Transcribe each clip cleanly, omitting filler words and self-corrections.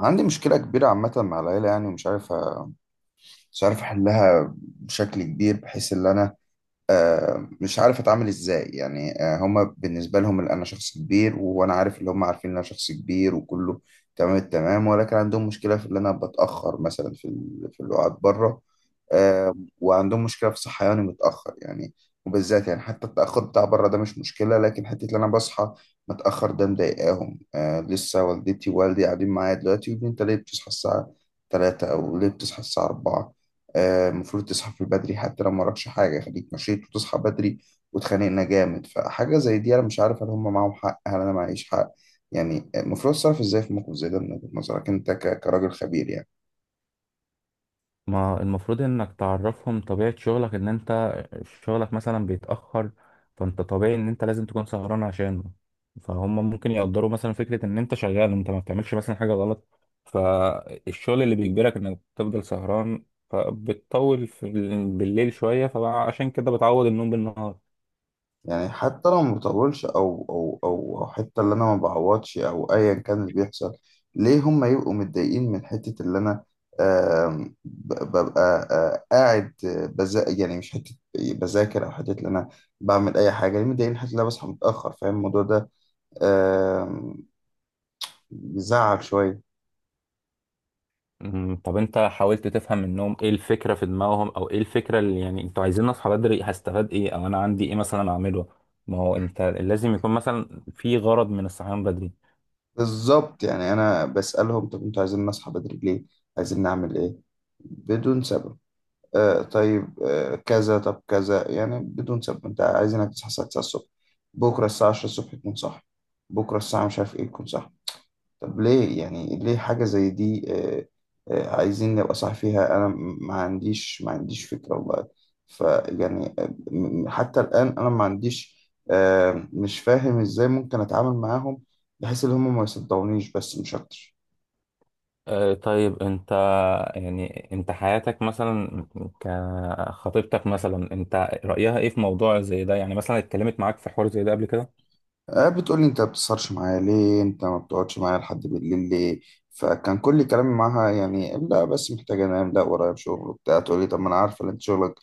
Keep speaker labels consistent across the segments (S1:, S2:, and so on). S1: عندي مشكلة كبيرة عامة مع العيلة يعني ومش عارف مش عارف أحلها بشكل كبير بحيث إن أنا مش عارف اتعامل ازاي يعني. هما بالنسبه لهم اللي انا شخص كبير وانا عارف اللي هما عارفين ان انا شخص كبير وكله تمام التمام، ولكن عندهم مشكله في ان انا بتاخر مثلا في اللقاءات بره. آه، وعندهم مشكله في صحياني متاخر يعني، وبالذات يعني حتى التاخر بتاع بره ده مش مشكله، لكن حته ان انا بصحى متاخر ده مضايقاهم. لسه والدتي ووالدي قاعدين معايا دلوقتي يقولوا لي انت ليه بتصحى الساعه 3 او ليه بتصحى الساعه 4؟ المفروض تصحى في بدري، حتى لو وراكش حاجة خليك مشيت وتصحى بدري. واتخانقنا جامد، فحاجة زي دي أنا مش عارف هل هم معاهم حق هل أنا معيش حق. يعني المفروض أتصرف إزاي في موقف زي ده من وجهة نظرك أنت كراجل خبير يعني؟
S2: ما المفروض انك تعرفهم طبيعة شغلك، ان انت شغلك مثلا بيتأخر. فانت طبيعي ان انت لازم تكون سهران عشانه، فهم ممكن يقدروا مثلا فكرة ان انت شغال، انت ما بتعملش مثلا حاجة غلط. فالشغل اللي بيجبرك انك تفضل سهران، فبتطول في بالليل شوية، فعشان كده بتعوض النوم بالنهار.
S1: يعني حتى لو ما بطولش أو حتى اللي أنا ما بعوضش أو أيا كان اللي بيحصل، ليه هم يبقوا متضايقين من حتة اللي أنا ببقى قاعد بذا، يعني مش حتة بذاكر أو حتة اللي أنا بعمل أي حاجة؟ ليه متضايقين حتى لو أنا بصحى متأخر؟ فاهم الموضوع ده آه، يزعل شوية.
S2: طب انت حاولت تفهم منهم ايه الفكرة في دماغهم، او ايه الفكرة اللي يعني انتوا عايزين اصحى بدري هستفاد ايه، او انا عندي ايه مثلا اعمله؟ ما هو انت لازم يكون مثلا في غرض من الصحيان بدري.
S1: بالظبط، يعني أنا بسألهم طب أنتوا عايزين نصحى بدري ليه؟ عايزين نعمل إيه؟ بدون سبب. طيب، كذا طب كذا، يعني بدون سبب أنت عايزينك تصحى الساعة 9 الصبح، بكرة الساعة 10 الصبح تكون صاحي، بكرة الساعة مش عارف إيه تكون صاحي. طب ليه؟ يعني ليه حاجة زي دي؟ عايزين نبقى صح فيها، أنا ما عنديش فكرة والله. فيعني حتى الآن أنا ما عنديش، مش فاهم إزاي ممكن أتعامل معاهم بحيث إن هم ما يصدقونيش، بس مش أكتر.
S2: اه طيب انت، يعني انت حياتك مثلا، كخطيبتك مثلا، انت رأيها ايه في موضوع زي ده؟ يعني مثلا اتكلمت معاك في حوار زي ده قبل كده؟
S1: بتقولي انت ما بتسهرش معايا ليه، انت ما بتقعدش معايا لحد بالليل ليه. فكان كل كلامي معاها يعني لا بس محتاجة انام، لا ورايا شغل وبتاع، تقولي طب ما انا عارفة ان انت شغلك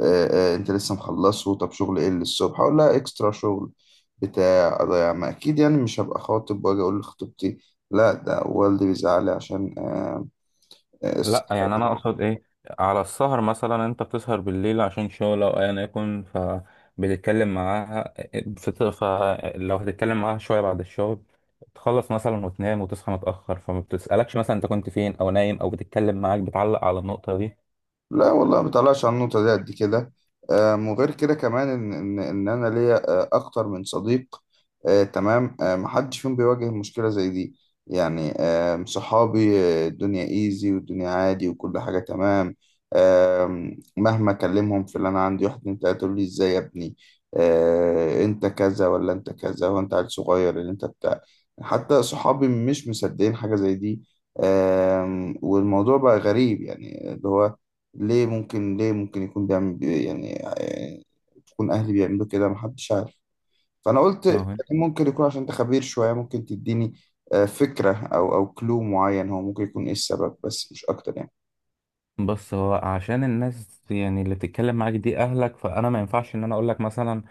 S1: انت لسه مخلصه، طب شغل ايه اللي الصبح؟ اقول لها اكسترا شغل بتاع اضيع ما، اكيد يعني مش هبقى خاطب واجي اقول لخطيبتي لا ده والدي بيزعلي عشان الصحة.
S2: لا يعني انا اقصد ايه، على السهر مثلا، انت بتسهر بالليل عشان شغل او ايا يكن، فبتتكلم معاها فلو هتتكلم معاها شويه بعد الشغل، تخلص مثلا وتنام وتصحى متاخر، فما بتسالكش مثلا انت كنت فين او نايم، او بتتكلم معاك بتعلق على النقطه
S1: لا والله، ما بطلعش على النقطة دي قد كده. وغير كده كمان إن أنا ليا أكتر من صديق تمام. محدش فيهم بيواجه مشكلة زي دي يعني. صحابي الدنيا إيزي والدنيا عادي وكل حاجة تمام. مهما أكلمهم في اللي أنا عندي، واحد اتنين تلاتة يقول لي إزاي يا ابني أنت كذا ولا أنت كذا وأنت عيل صغير اللي أنت بتاع. حتى صحابي مش مصدقين حاجة زي دي. والموضوع بقى غريب، يعني اللي هو ليه ممكن يكون يعني تكون أهلي بيعملوا كده، محدش عارف. فأنا قلت
S2: دي؟
S1: ممكن يكون عشان أنت خبير شوية، ممكن تديني فكرة أو كلو معين هو ممكن يكون إيه السبب، بس مش أكتر يعني.
S2: بص، هو عشان الناس يعني اللي بتتكلم معاك دي اهلك، فانا ما ينفعش ان انا اقول لك مثلا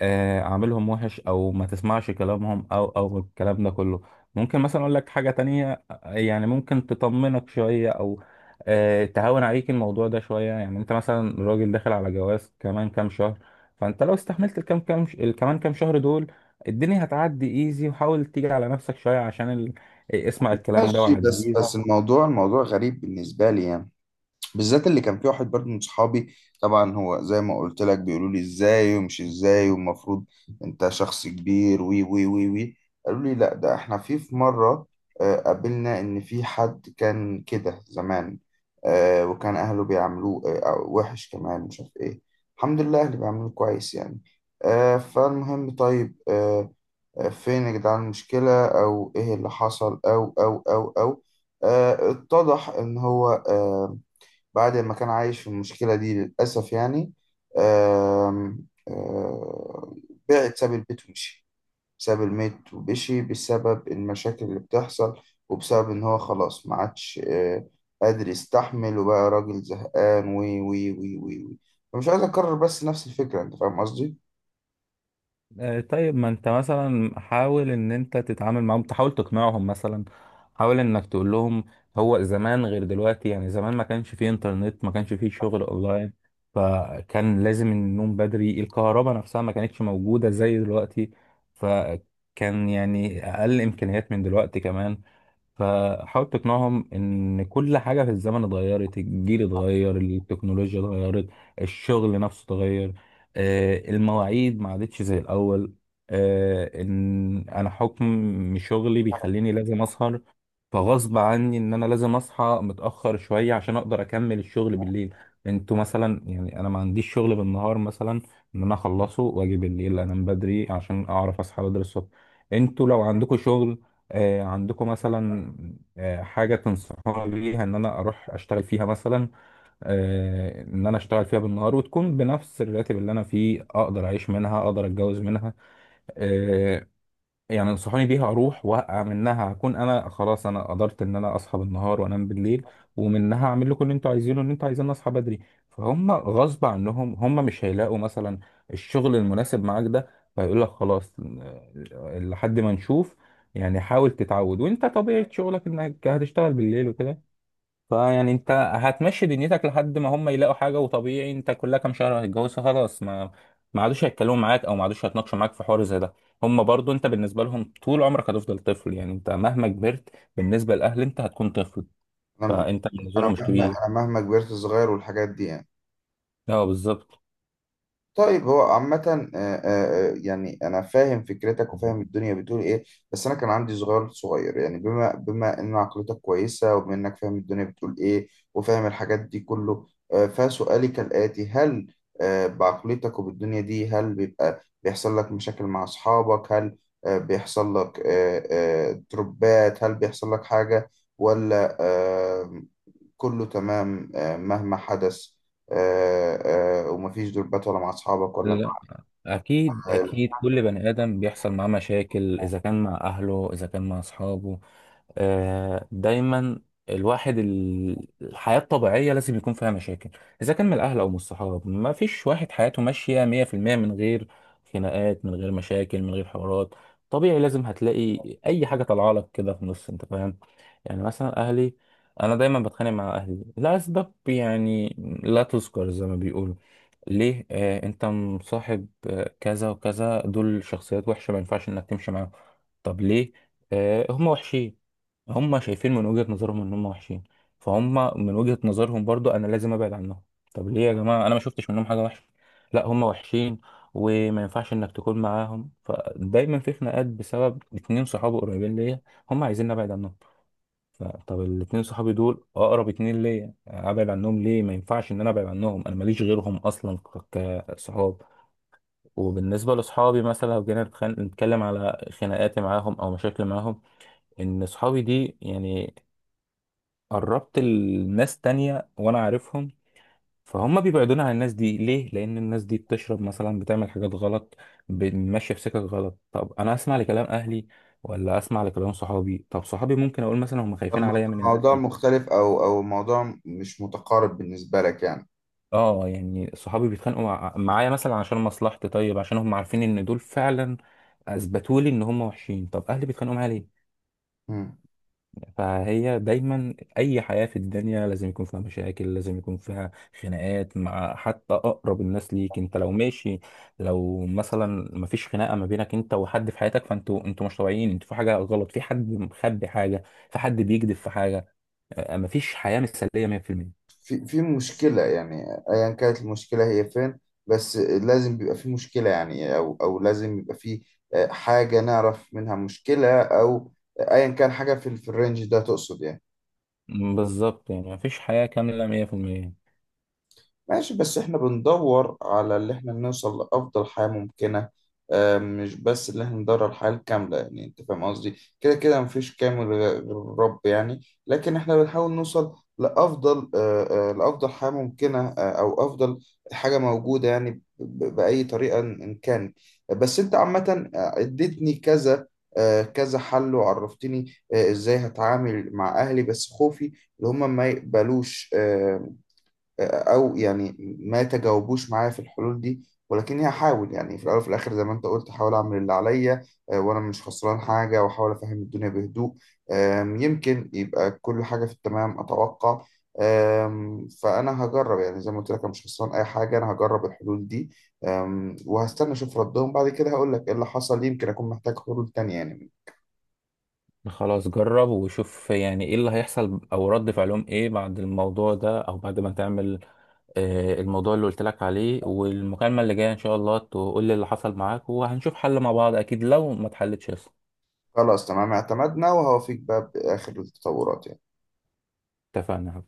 S2: اعملهم وحش او ما تسمعش كلامهم، او او الكلام ده كله. ممكن مثلا اقول لك حاجة تانية يعني ممكن تطمنك شوية، او تهون عليك الموضوع ده شوية. يعني انت مثلا راجل داخل على جواز كمان كام شهر، فانت لو استحملت الكمان كام شهر دول، الدنيا هتعدي ايزي. وحاول تيجي على نفسك شوية عشان اسمع الكلام ده
S1: ماشي، بس
S2: وعديه.
S1: بس الموضوع غريب بالنسبة لي يعني، بالذات اللي كان في واحد برضو من صحابي. طبعا هو زي ما قلت لك بيقولوا لي ازاي ومش ازاي والمفروض انت شخص كبير وي وي وي وي قالوا لي لا ده احنا في مرة قابلنا ان في حد كان كده زمان، وكان اهله بيعملوه وحش كمان مش عارف ايه. الحمد لله اهلي بيعملوه كويس يعني. فالمهم طيب، فين يا جدعان المشكلة او ايه اللي حصل او اتضح ان هو، بعد ما كان عايش في المشكلة دي للأسف يعني، آم، آه، بعد ساب البيت ومشي. ساب البيت ومشي بسبب المشاكل اللي بتحصل، وبسبب إن هو خلاص ما عادش قادر يستحمل، وبقى راجل زهقان وي وي وي وي وي فمش عايز أكرر بس نفس الفكرة. أنت فاهم قصدي؟
S2: طيب ما انت مثلا حاول ان انت تتعامل معاهم، تحاول تقنعهم مثلا. حاول انك تقول لهم هو زمان غير دلوقتي، يعني زمان ما كانش فيه انترنت، ما كانش فيه شغل اونلاين، فكان لازم النوم بدري. الكهرباء نفسها ما كانتش موجودة زي دلوقتي، فكان يعني اقل امكانيات من دلوقتي كمان. فحاول تقنعهم ان كل حاجه في الزمن اتغيرت، الجيل اتغير، التكنولوجيا اتغيرت، الشغل نفسه اتغير، المواعيد ما عادتش زي الاول، ان انا حكم شغلي بيخليني لازم اسهر. فغصب عني ان انا لازم اصحى متاخر شويه عشان اقدر اكمل الشغل بالليل. انتوا مثلا يعني انا ما عنديش شغل بالنهار مثلا ان انا اخلصه واجي بالليل انام بدري عشان اعرف اصحى بدري الصبح. انتوا لو عندكم شغل، آه عندكم مثلا آه حاجه تنصحوني بيها ان انا اروح اشتغل فيها مثلا، آه ان انا اشتغل فيها بالنهار وتكون بنفس الراتب اللي انا فيه، اقدر اعيش منها، اقدر اتجوز منها، آه، يعني انصحوني بيها اروح واقع منها، هكون انا خلاص انا قدرت ان انا اصحى بالنهار وانام بالليل، ومنها اعمل لكم اللي انتوا عايزينه ان انتوا عايزين اصحى بدري. فهم غصب عنهم هم مش هيلاقوا مثلا الشغل المناسب معاك ده، فيقول لك خلاص لحد ما نشوف، يعني حاول تتعود وانت طبيعة شغلك انك هتشتغل بالليل وكده. فيعني انت هتمشي دنيتك لحد ما هم يلاقوا حاجه، وطبيعي انت كلها كام شهر هتتجوز خلاص، ما عادوش هيتكلموا معاك او ما عادوش هيتناقشوا معاك في حوار زي ده. هم برضو، انت بالنسبه لهم طول عمرك هتفضل طفل، يعني انت مهما كبرت بالنسبه للاهل انت هتكون طفل،
S1: أنا
S2: فانت بالنسبه
S1: أنا
S2: لهم مش
S1: مهما
S2: كبير.
S1: أنا مهما كبرت صغير، والحاجات دي يعني.
S2: اه بالظبط.
S1: طيب هو عامة يعني أنا فاهم فكرتك وفاهم الدنيا بتقول إيه، بس أنا كان عندي صغير صغير يعني، بما إن عقلتك كويسة وبما إنك فاهم الدنيا بتقول إيه وفاهم الحاجات دي كله. فسؤالي كالآتي، هل بعقلتك وبالدنيا دي هل بيبقى بيحصل لك مشاكل مع أصحابك، هل بيحصل لك تربات، هل بيحصل لك حاجة ولا آمم، كله تمام مهما حدث، ومفيش دربات ولا مع أصحابك ولا مع
S2: لا اكيد
S1: العيلة؟
S2: اكيد، كل بني ادم بيحصل معاه مشاكل، اذا كان مع اهله اذا كان مع اصحابه، دايما. الواحد الحياة الطبيعية لازم يكون فيها مشاكل، إذا كان من الأهل أو من الصحاب، ما فيش واحد حياته ماشية 100% من غير خناقات، من غير مشاكل، من غير حوارات. طبيعي لازم هتلاقي أي حاجة طالعة لك كده في النص، أنت فاهم. يعني مثلا اهلي، انا دايما بتخانق مع اهلي لاسباب يعني لا تذكر، زي ما بيقولوا ليه، آه انت مصاحب آه كذا وكذا، دول شخصيات وحشه ما ينفعش انك تمشي معاهم. طب ليه؟ آه هم وحشين، هم شايفين من وجهة نظرهم ان هم وحشين، فهم من وجهة نظرهم برضو انا لازم ابعد عنهم. طب ليه يا جماعه، انا ما شفتش منهم حاجه وحشه؟ لا هم وحشين وما ينفعش انك تكون معاهم. فدايما في خناقات بسبب اتنين صحاب قريبين ليا، هم عايزين ابعد عنهم. طب الاتنين صحابي دول اقرب اتنين ليا، ابعد عنهم ليه؟ ما ينفعش ان انا ابعد عنهم، انا ماليش غيرهم اصلا كصحاب. وبالنسبه لصحابي مثلا، لو جينا نتكلم على خناقاتي معاهم او مشاكل معاهم، ان صحابي دي يعني قربت الناس تانية وانا عارفهم، فهم بيبعدوني عن الناس دي ليه؟ لان الناس دي بتشرب مثلا، بتعمل حاجات غلط، ماشيه في سكك غلط. طب انا اسمع لكلام اهلي ولا اسمع لكلام صحابي؟ طب صحابي ممكن اقول مثلا هم خايفين
S1: الم-
S2: عليا من الناس
S1: الموضوع
S2: دي.
S1: مختلف أو الموضوع مش متقارب بالنسبة لك يعني.
S2: اه يعني صحابي بيتخانقوا معايا مثلا عشان مصلحتي، طيب عشان هم عارفين ان دول فعلا اثبتوا لي ان هم وحشين. طب اهلي بيتخانقوا معايا ليه؟
S1: مم.
S2: فهي دايما اي حياة في الدنيا لازم يكون فيها مشاكل، لازم يكون فيها خناقات مع حتى اقرب الناس ليك. انت لو ماشي، لو مثلا مفيش خناقة ما بينك انت وحد في حياتك، فانتوا انتوا مش طبيعيين، انتوا في حاجة غلط، في حد مخبي حاجة، في حد بيكذب في حاجة، مفيش حياة مثالية 100%.
S1: في مشكلة يعني أيا كانت المشكلة هي فين، بس لازم بيبقى في مشكلة يعني، أو لازم يبقى في حاجة نعرف منها مشكلة، أو أيا كان حاجة في الرينج ده تقصد يعني.
S2: بالظبط، يعني مفيش حياة كاملة 100%.
S1: ماشي، بس احنا بندور على اللي احنا نوصل لأفضل حياة ممكنة مش بس اللي احنا ندور على الحياة الكاملة يعني، انت فاهم قصدي. كده كده مفيش كامل غير الرب يعني، لكن احنا بنحاول نوصل لأفضل لأفضل حياة ممكنة أو أفضل حاجة موجودة يعني بأي طريقة إن كان. بس انت عامة اديتني كذا كذا حل وعرفتني ازاي هتعامل مع أهلي، بس خوفي اللي هم ما يقبلوش او يعني ما تجاوبوش معايا في الحلول دي. ولكني هحاول يعني في الاول وفي الاخر زي ما انت قلت، هحاول اعمل اللي عليا وانا مش خسران حاجه، واحاول افهم الدنيا بهدوء. يمكن يبقى كل حاجه في التمام اتوقع. فانا هجرب يعني زي ما قلت لك، انا مش خسران اي حاجه، انا هجرب الحلول دي. وهستنى اشوف ردهم بعد كده، هقول لك ايه اللي حصل، يمكن اكون محتاج حلول تانية يعني.
S2: خلاص جرب وشوف يعني ايه اللي هيحصل او رد فعلهم ايه بعد الموضوع ده، او بعد ما تعمل الموضوع اللي قلت لك عليه. والمكالمة اللي جاية ان شاء الله تقول لي اللي حصل معاك، وهنشوف حل مع بعض اكيد لو ما اتحلتش يا اسطى.
S1: خلاص تمام، اعتمدنا وهوافيك بقى باخر التطورات يعني.
S2: اتفقنا.